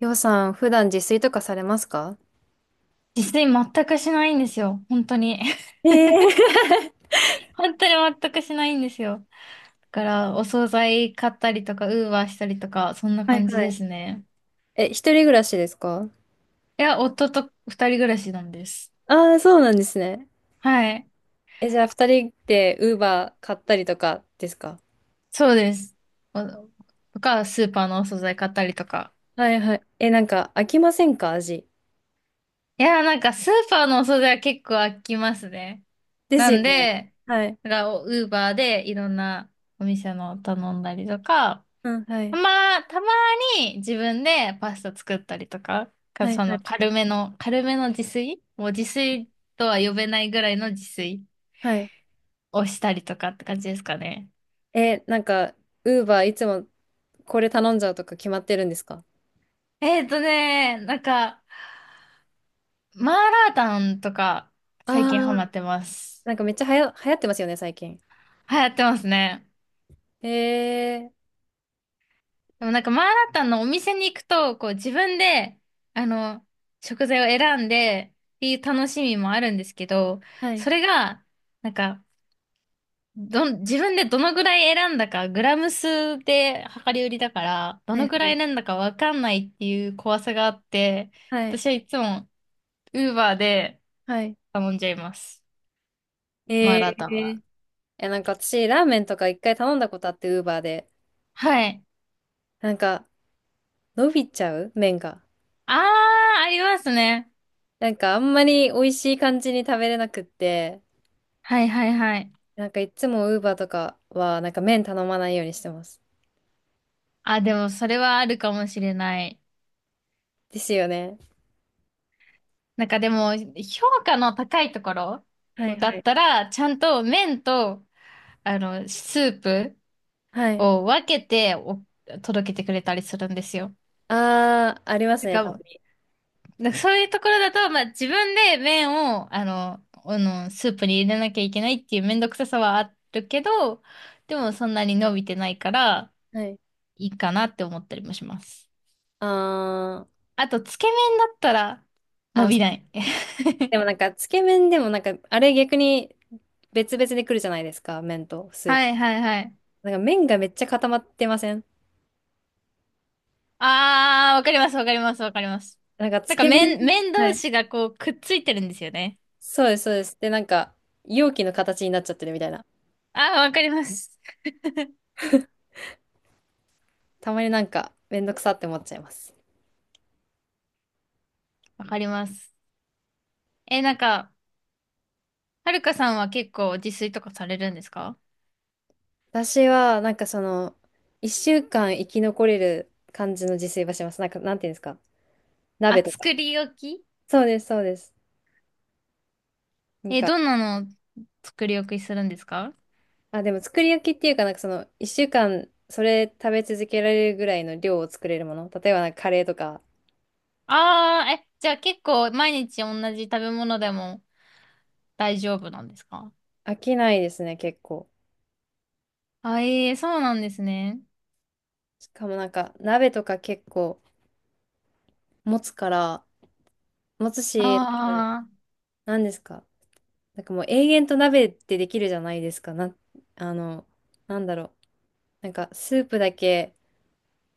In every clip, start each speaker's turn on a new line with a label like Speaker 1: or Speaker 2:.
Speaker 1: りょうさん、普段自炊とかされますか？
Speaker 2: 自炊全くしないんですよ。本当に。
Speaker 1: ええ。
Speaker 2: 本当に全くしないんですよ。だから、お惣菜買ったりとか、ウーバーしたりとか、そんな
Speaker 1: はい
Speaker 2: 感じ
Speaker 1: は
Speaker 2: で
Speaker 1: い。
Speaker 2: すね。
Speaker 1: え、一人暮らしですか？
Speaker 2: いや、夫と二人暮らしなんです。
Speaker 1: ああー、そうなんですね。
Speaker 2: はい。
Speaker 1: え、じゃあ二人でウーバー買ったりとかですか？
Speaker 2: そうです。おとか、スーパーのお惣菜買ったりとか。
Speaker 1: はいはい。え、なんか飽きませんか、味。
Speaker 2: いや、なんか、スーパーのお惣菜は結構飽きますね。
Speaker 1: です
Speaker 2: な
Speaker 1: よ
Speaker 2: ん
Speaker 1: ね。
Speaker 2: で、
Speaker 1: はい。
Speaker 2: だから、ウーバーでいろんなお店の頼んだりとか、
Speaker 1: うん、は
Speaker 2: た
Speaker 1: い。
Speaker 2: ま、たまに自分でパスタ作ったりとか、
Speaker 1: はい
Speaker 2: そ
Speaker 1: は
Speaker 2: の
Speaker 1: い。
Speaker 2: 軽めの、もう自炊とは呼べないぐらいの自炊
Speaker 1: はい。
Speaker 2: をしたりとかって感じですかね。
Speaker 1: え、なんか、ウーバーいつもこれ頼んじゃうとか決まってるんですか？
Speaker 2: なんか、マーラータンとか
Speaker 1: あ
Speaker 2: 最
Speaker 1: あ
Speaker 2: 近ハマ
Speaker 1: ー、
Speaker 2: ってます。
Speaker 1: なんかめっちゃ流行ってますよね、最近。
Speaker 2: 流行ってますね。
Speaker 1: えー、
Speaker 2: でもなんかマーラータンのお店に行くと、こう自分で、あの、食材を選んでっていう楽しみもあるんですけど、
Speaker 1: はい。
Speaker 2: それが、なんか、自分でどのぐらい選んだか、グラム数で量り売りだから、ど
Speaker 1: は
Speaker 2: のぐら
Speaker 1: い
Speaker 2: い選んだかわかんないっていう怖さがあって、
Speaker 1: はい。
Speaker 2: 私はいつも、ウーバーで
Speaker 1: はい。はい。
Speaker 2: 頼んじゃいます。マー
Speaker 1: え
Speaker 2: ラータは。
Speaker 1: ー。え、なんか私、ラーメンとか一回頼んだことあって、ウーバーで。
Speaker 2: はい。
Speaker 1: なんか、伸びちゃう麺が。
Speaker 2: あー、ありますね。
Speaker 1: なんか、あんまり美味しい感じに食べれなくって、
Speaker 2: はいはいはい。
Speaker 1: なんかいつもウーバーとかは、なんか麺頼まないようにしてます。
Speaker 2: あ、でもそれはあるかもしれない。
Speaker 1: ですよね。
Speaker 2: なんかでも、評価の高いところ
Speaker 1: はいは
Speaker 2: だっ
Speaker 1: い。
Speaker 2: たら、ちゃんと麺と、スープ
Speaker 1: はい。
Speaker 2: を分けて届けてくれたりするんですよ。
Speaker 1: あー、あります
Speaker 2: て
Speaker 1: ね、たま
Speaker 2: か
Speaker 1: に。
Speaker 2: なんかそういうところだと、まあ自分で麺を、スープに入れなきゃいけないっていうめんどくささはあるけど、でもそんなに伸びてないから、
Speaker 1: はい。
Speaker 2: いいかなって思ったりもします。
Speaker 1: あー、
Speaker 2: あと、つけ麺だったら、伸
Speaker 1: あ、
Speaker 2: びない。
Speaker 1: でもなんか、つけ麺でもなんか、あれ逆に別々で来るじゃないですか、麺とスー
Speaker 2: は
Speaker 1: プ。
Speaker 2: いはいはい。
Speaker 1: なんか麺がめっちゃ固まってません
Speaker 2: あー、わかりますわかりますわかります。
Speaker 1: なんか、
Speaker 2: な
Speaker 1: つ
Speaker 2: んか
Speaker 1: け麺。
Speaker 2: 麺
Speaker 1: は
Speaker 2: 同
Speaker 1: い。
Speaker 2: 士がこうくっついてるんですよね。
Speaker 1: そうです、そうです。で、なんか、容器の形になっちゃってるみたいな。
Speaker 2: あー、わかります。
Speaker 1: たまになんか、めんどくさって思っちゃいます。
Speaker 2: わかります。え、なんか、はるかさんは結構自炊とかされるんですか？
Speaker 1: 私は、なんかその、一週間生き残れる感じの自炊はします。なんか、なんていうんですか。
Speaker 2: あ、
Speaker 1: 鍋とか。
Speaker 2: 作り置き。
Speaker 1: そうです、そうです。なん
Speaker 2: え、
Speaker 1: か、
Speaker 2: どんなの作り置きするんですか？
Speaker 1: あ、でも作り置きっていうか、なんかその、一週間、それ食べ続けられるぐらいの量を作れるもの。例えば、なんかカレーとか。
Speaker 2: ああー、え、じゃあ結構毎日同じ食べ物でも大丈夫なんですか？
Speaker 1: 飽きないですね、結構。
Speaker 2: あ、えー、そうなんですね。
Speaker 1: しかもなんか、鍋とか結構、持つから、持つし、
Speaker 2: あ
Speaker 1: なんですか。なんかもう永遠と鍋ってできるじゃないですか。な、あの、なんだろう。なんかスープだけ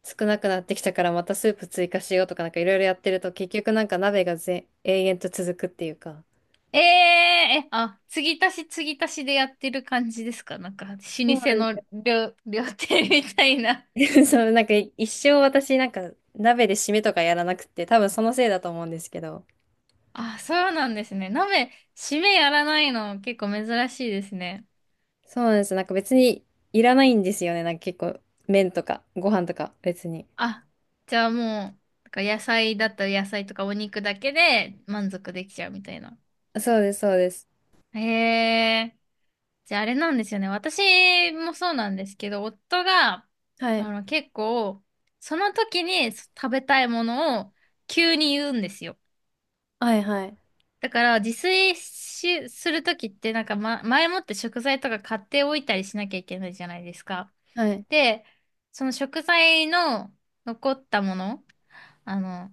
Speaker 1: 少なくなってきたからまたスープ追加しようとかなんかいろいろやってると結局なんか鍋が永遠と続くっていうか。
Speaker 2: あ、えー、え、あ、継ぎ足し継ぎ足しでやってる感じですか？なんか、老舗
Speaker 1: そうな
Speaker 2: の
Speaker 1: ん
Speaker 2: 料亭みたいな。
Speaker 1: です。 そう、なんか一生私なんか鍋で締めとかやらなくて多分そのせいだと思うんですけど。
Speaker 2: あ、そうなんですね。鍋、締めやらないの結構珍しいですね。
Speaker 1: そうなんです。なんか別にいらないんですよね。なんか結構麺とかご飯とか別に。
Speaker 2: あ、じゃあもう、なんか野菜だったら野菜とかお肉だけで満足できちゃうみたいな。
Speaker 1: そうです、そうです。
Speaker 2: へえ。じゃああれなんですよね。私もそうなんですけど、夫が、
Speaker 1: はい。
Speaker 2: 結構、その時に食べたいものを急に言うんですよ。
Speaker 1: はいはい。
Speaker 2: だから、自炊し、する時って、なんか、ま、前もって食材とか買っておいたりしなきゃいけないじゃないですか。
Speaker 1: はい。
Speaker 2: で、その食材の残ったもの、あの、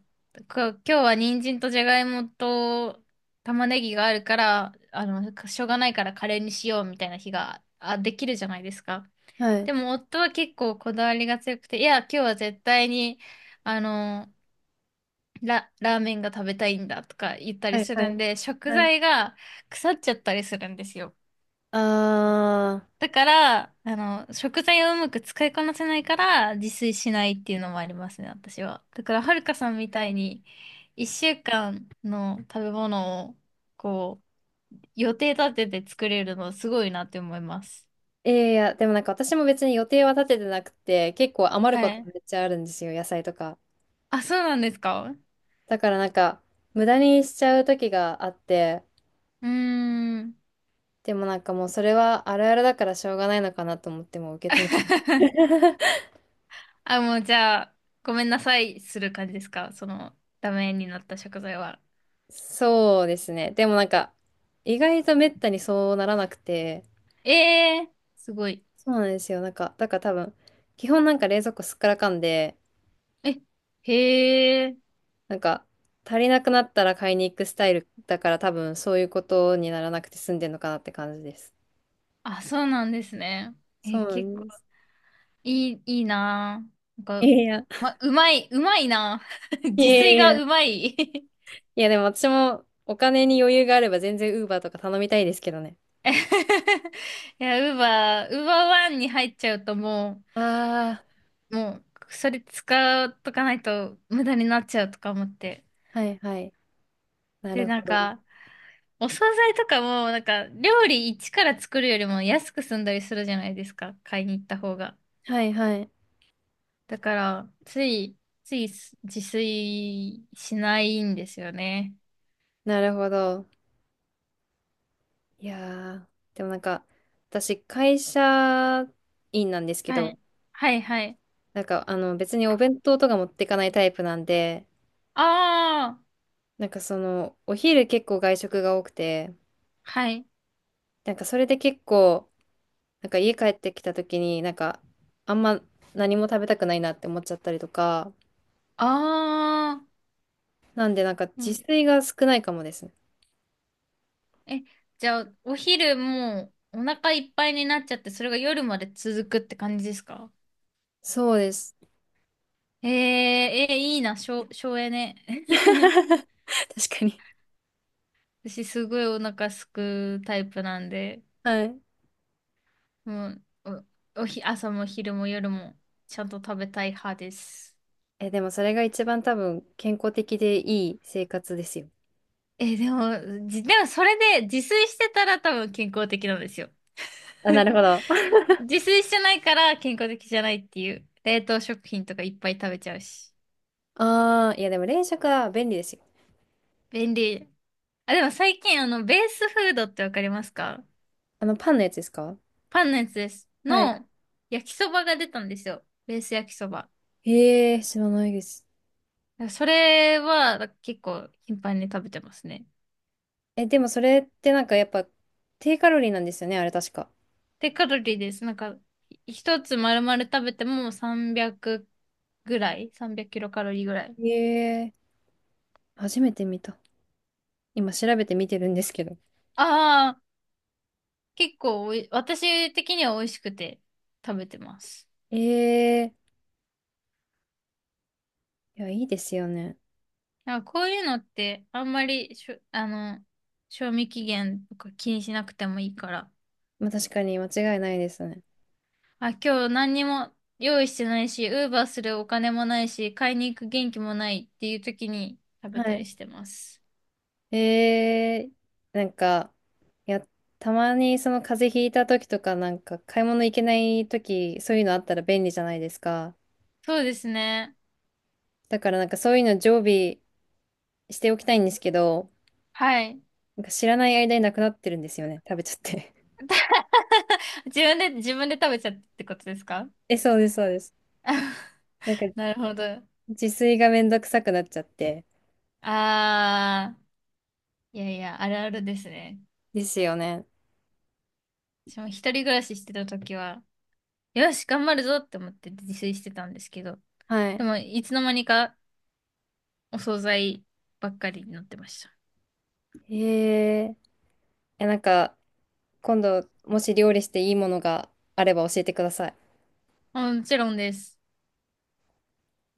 Speaker 2: 今日は人参とじゃがいもと玉ねぎがあるから、しょうがないからカレーにしようみたいな日が、できるじゃないですか。
Speaker 1: はい。
Speaker 2: でも夫は結構こだわりが強くて、いや、今日は絶対に、あの、ラーメンが食べたいんだとか言った
Speaker 1: は
Speaker 2: り
Speaker 1: い
Speaker 2: す
Speaker 1: は
Speaker 2: る
Speaker 1: い。
Speaker 2: んで、食
Speaker 1: はい。
Speaker 2: 材が腐っちゃったりするんですよ。
Speaker 1: あ
Speaker 2: だから、食材をうまく使いこなせないから自炊しないっていうのもありますね、私は。だから、はるかさんみ
Speaker 1: あ、は
Speaker 2: たい
Speaker 1: い。
Speaker 2: に、1週間の食べ物を、こう、予定立てて作れるのすごいなって思います。
Speaker 1: いやいや、でもなんか私も別に予定は立ててなくて、結構余る
Speaker 2: は
Speaker 1: こと
Speaker 2: い。
Speaker 1: めっちゃあるんですよ、野菜とか。
Speaker 2: あ、そうなんですか？
Speaker 1: だからなんか、無駄にしちゃう時があって、
Speaker 2: うーん。
Speaker 1: でもなんかもうそれはあるあるだからしょうがないのかなと思ってもう受け止めて。
Speaker 2: あ、もうじゃあ、ごめんなさいする感じですか、その、ダメになった食材は。
Speaker 1: そうですね。でもなんか、意外とめったにそうならなくて、
Speaker 2: ええー、すごい。
Speaker 1: そうなんですよ。なんか、だから多分、基本なんか冷蔵庫すっからかんで、
Speaker 2: え、へえ、
Speaker 1: なんか、足りなくなったら買いに行くスタイルだから多分そういうことにならなくて済んでるのかなって感じです。
Speaker 2: あ、そうなんですね。
Speaker 1: そ
Speaker 2: え、
Speaker 1: うな
Speaker 2: 結
Speaker 1: ん
Speaker 2: 構。
Speaker 1: です。
Speaker 2: いいなぁ。なん
Speaker 1: い
Speaker 2: か、
Speaker 1: やいや、
Speaker 2: ま、うまいなぁ。
Speaker 1: い
Speaker 2: 自
Speaker 1: や
Speaker 2: 炊
Speaker 1: い
Speaker 2: がう
Speaker 1: や。
Speaker 2: まい。い
Speaker 1: いやでも私もお金に余裕があれば全然ウーバーとか頼みたいですけどね。
Speaker 2: や、ウーバーワンに入っちゃうとも
Speaker 1: あ
Speaker 2: う、もう、それ使うとかないと無駄になっちゃうとか思って。
Speaker 1: あ、はいはい。な
Speaker 2: で、
Speaker 1: るほ
Speaker 2: なん
Speaker 1: ど。
Speaker 2: か、お惣菜とかも、なんか、料理一から作るよりも安く済んだりするじゃないですか。買いに行った方が。
Speaker 1: はいはい。
Speaker 2: だから、つい自炊しないんですよね。
Speaker 1: なるほど。いやー、でもなんか、私会社員なんですけ
Speaker 2: は
Speaker 1: ど、
Speaker 2: い。はいはい。
Speaker 1: なんか別にお弁当とか持っていかないタイプなんで、
Speaker 2: ああ、
Speaker 1: なんかその、お昼結構外食が多くて、
Speaker 2: はい。
Speaker 1: なんかそれで結構、なんか家帰ってきた時に、なんかあんま何も食べたくないなって思っちゃったりとか、
Speaker 2: ああ、
Speaker 1: なんでなんか
Speaker 2: うん。
Speaker 1: 自炊が少ないかもですね。
Speaker 2: え、じゃあ、お昼もうお腹いっぱいになっちゃって、それが夜まで続くって感じですか？
Speaker 1: そうです。
Speaker 2: えー、えー、いいな、省エネ。
Speaker 1: 確かに。
Speaker 2: 私、すごいお腹すくタイプなんで、
Speaker 1: はい。
Speaker 2: もう、お、おひ、朝も昼も夜もちゃんと食べたい派です。
Speaker 1: え、でもそれが一番多分健康的でいい生活ですよ。
Speaker 2: え、でも、でもそれで自炊してたら多分健康的なんですよ。
Speaker 1: あ、なるほど。
Speaker 2: 自炊してないから健康的じゃないっていう。冷凍食品とかいっぱい食べちゃうし。
Speaker 1: ああ、いやでも冷食は便利ですよ。
Speaker 2: 便利。あ、でも最近ベースフードってわかりますか？
Speaker 1: あのパンのやつですか？
Speaker 2: パンのやつです。
Speaker 1: はい。
Speaker 2: 焼きそばが出たんですよ。ベース焼きそば。
Speaker 1: へえ、知らないです。
Speaker 2: それは結構頻繁に食べてますね。
Speaker 1: え、でもそれってなんかやっぱ低カロリーなんですよね、あれ確か。
Speaker 2: で、カロリーです。なんか、一つ丸々食べても300ぐらい、 300 キロカロリーぐらい。
Speaker 1: へえ、初めて見た。今調べてみてるんですけど。
Speaker 2: ああ、結構私的には美味しくて食べてます。
Speaker 1: ええ。いや、いいですよね。
Speaker 2: なんかこういうのってあんまりしょ、あの、賞味期限とか気にしなくてもいいから。
Speaker 1: まあ、確かに間違いないですね。
Speaker 2: あ、今日何にも用意してないし、ウーバーするお金もないし、買いに行く元気もないっていう時に食
Speaker 1: は
Speaker 2: べた
Speaker 1: い。
Speaker 2: りしてます。
Speaker 1: ええ。なんか、いや、たまにその風邪ひいた時とか、なんか買い物行けない時、そういうのあったら便利じゃないですか。
Speaker 2: そうですね。
Speaker 1: だからなんかそういうの常備しておきたいんですけど、
Speaker 2: はい。
Speaker 1: なんか知らない間になくなってるんですよね。食べちゃって。
Speaker 2: 自分で食べちゃってってことですか？
Speaker 1: え、そうです、そうです。なんか
Speaker 2: なるほど。
Speaker 1: 自炊がめんどくさくなっちゃって。
Speaker 2: あー、いやいや、あるあるですね。
Speaker 1: ですよね。
Speaker 2: 私も一人暮らししてた時は、よし、頑張るぞって思って自炊してたんですけど、
Speaker 1: は
Speaker 2: で
Speaker 1: い。
Speaker 2: も、いつの間にかお惣菜ばっかりになってました。
Speaker 1: えー。え。いや、なんか、今度、もし料理していいものがあれば教えてください。
Speaker 2: もちろんです。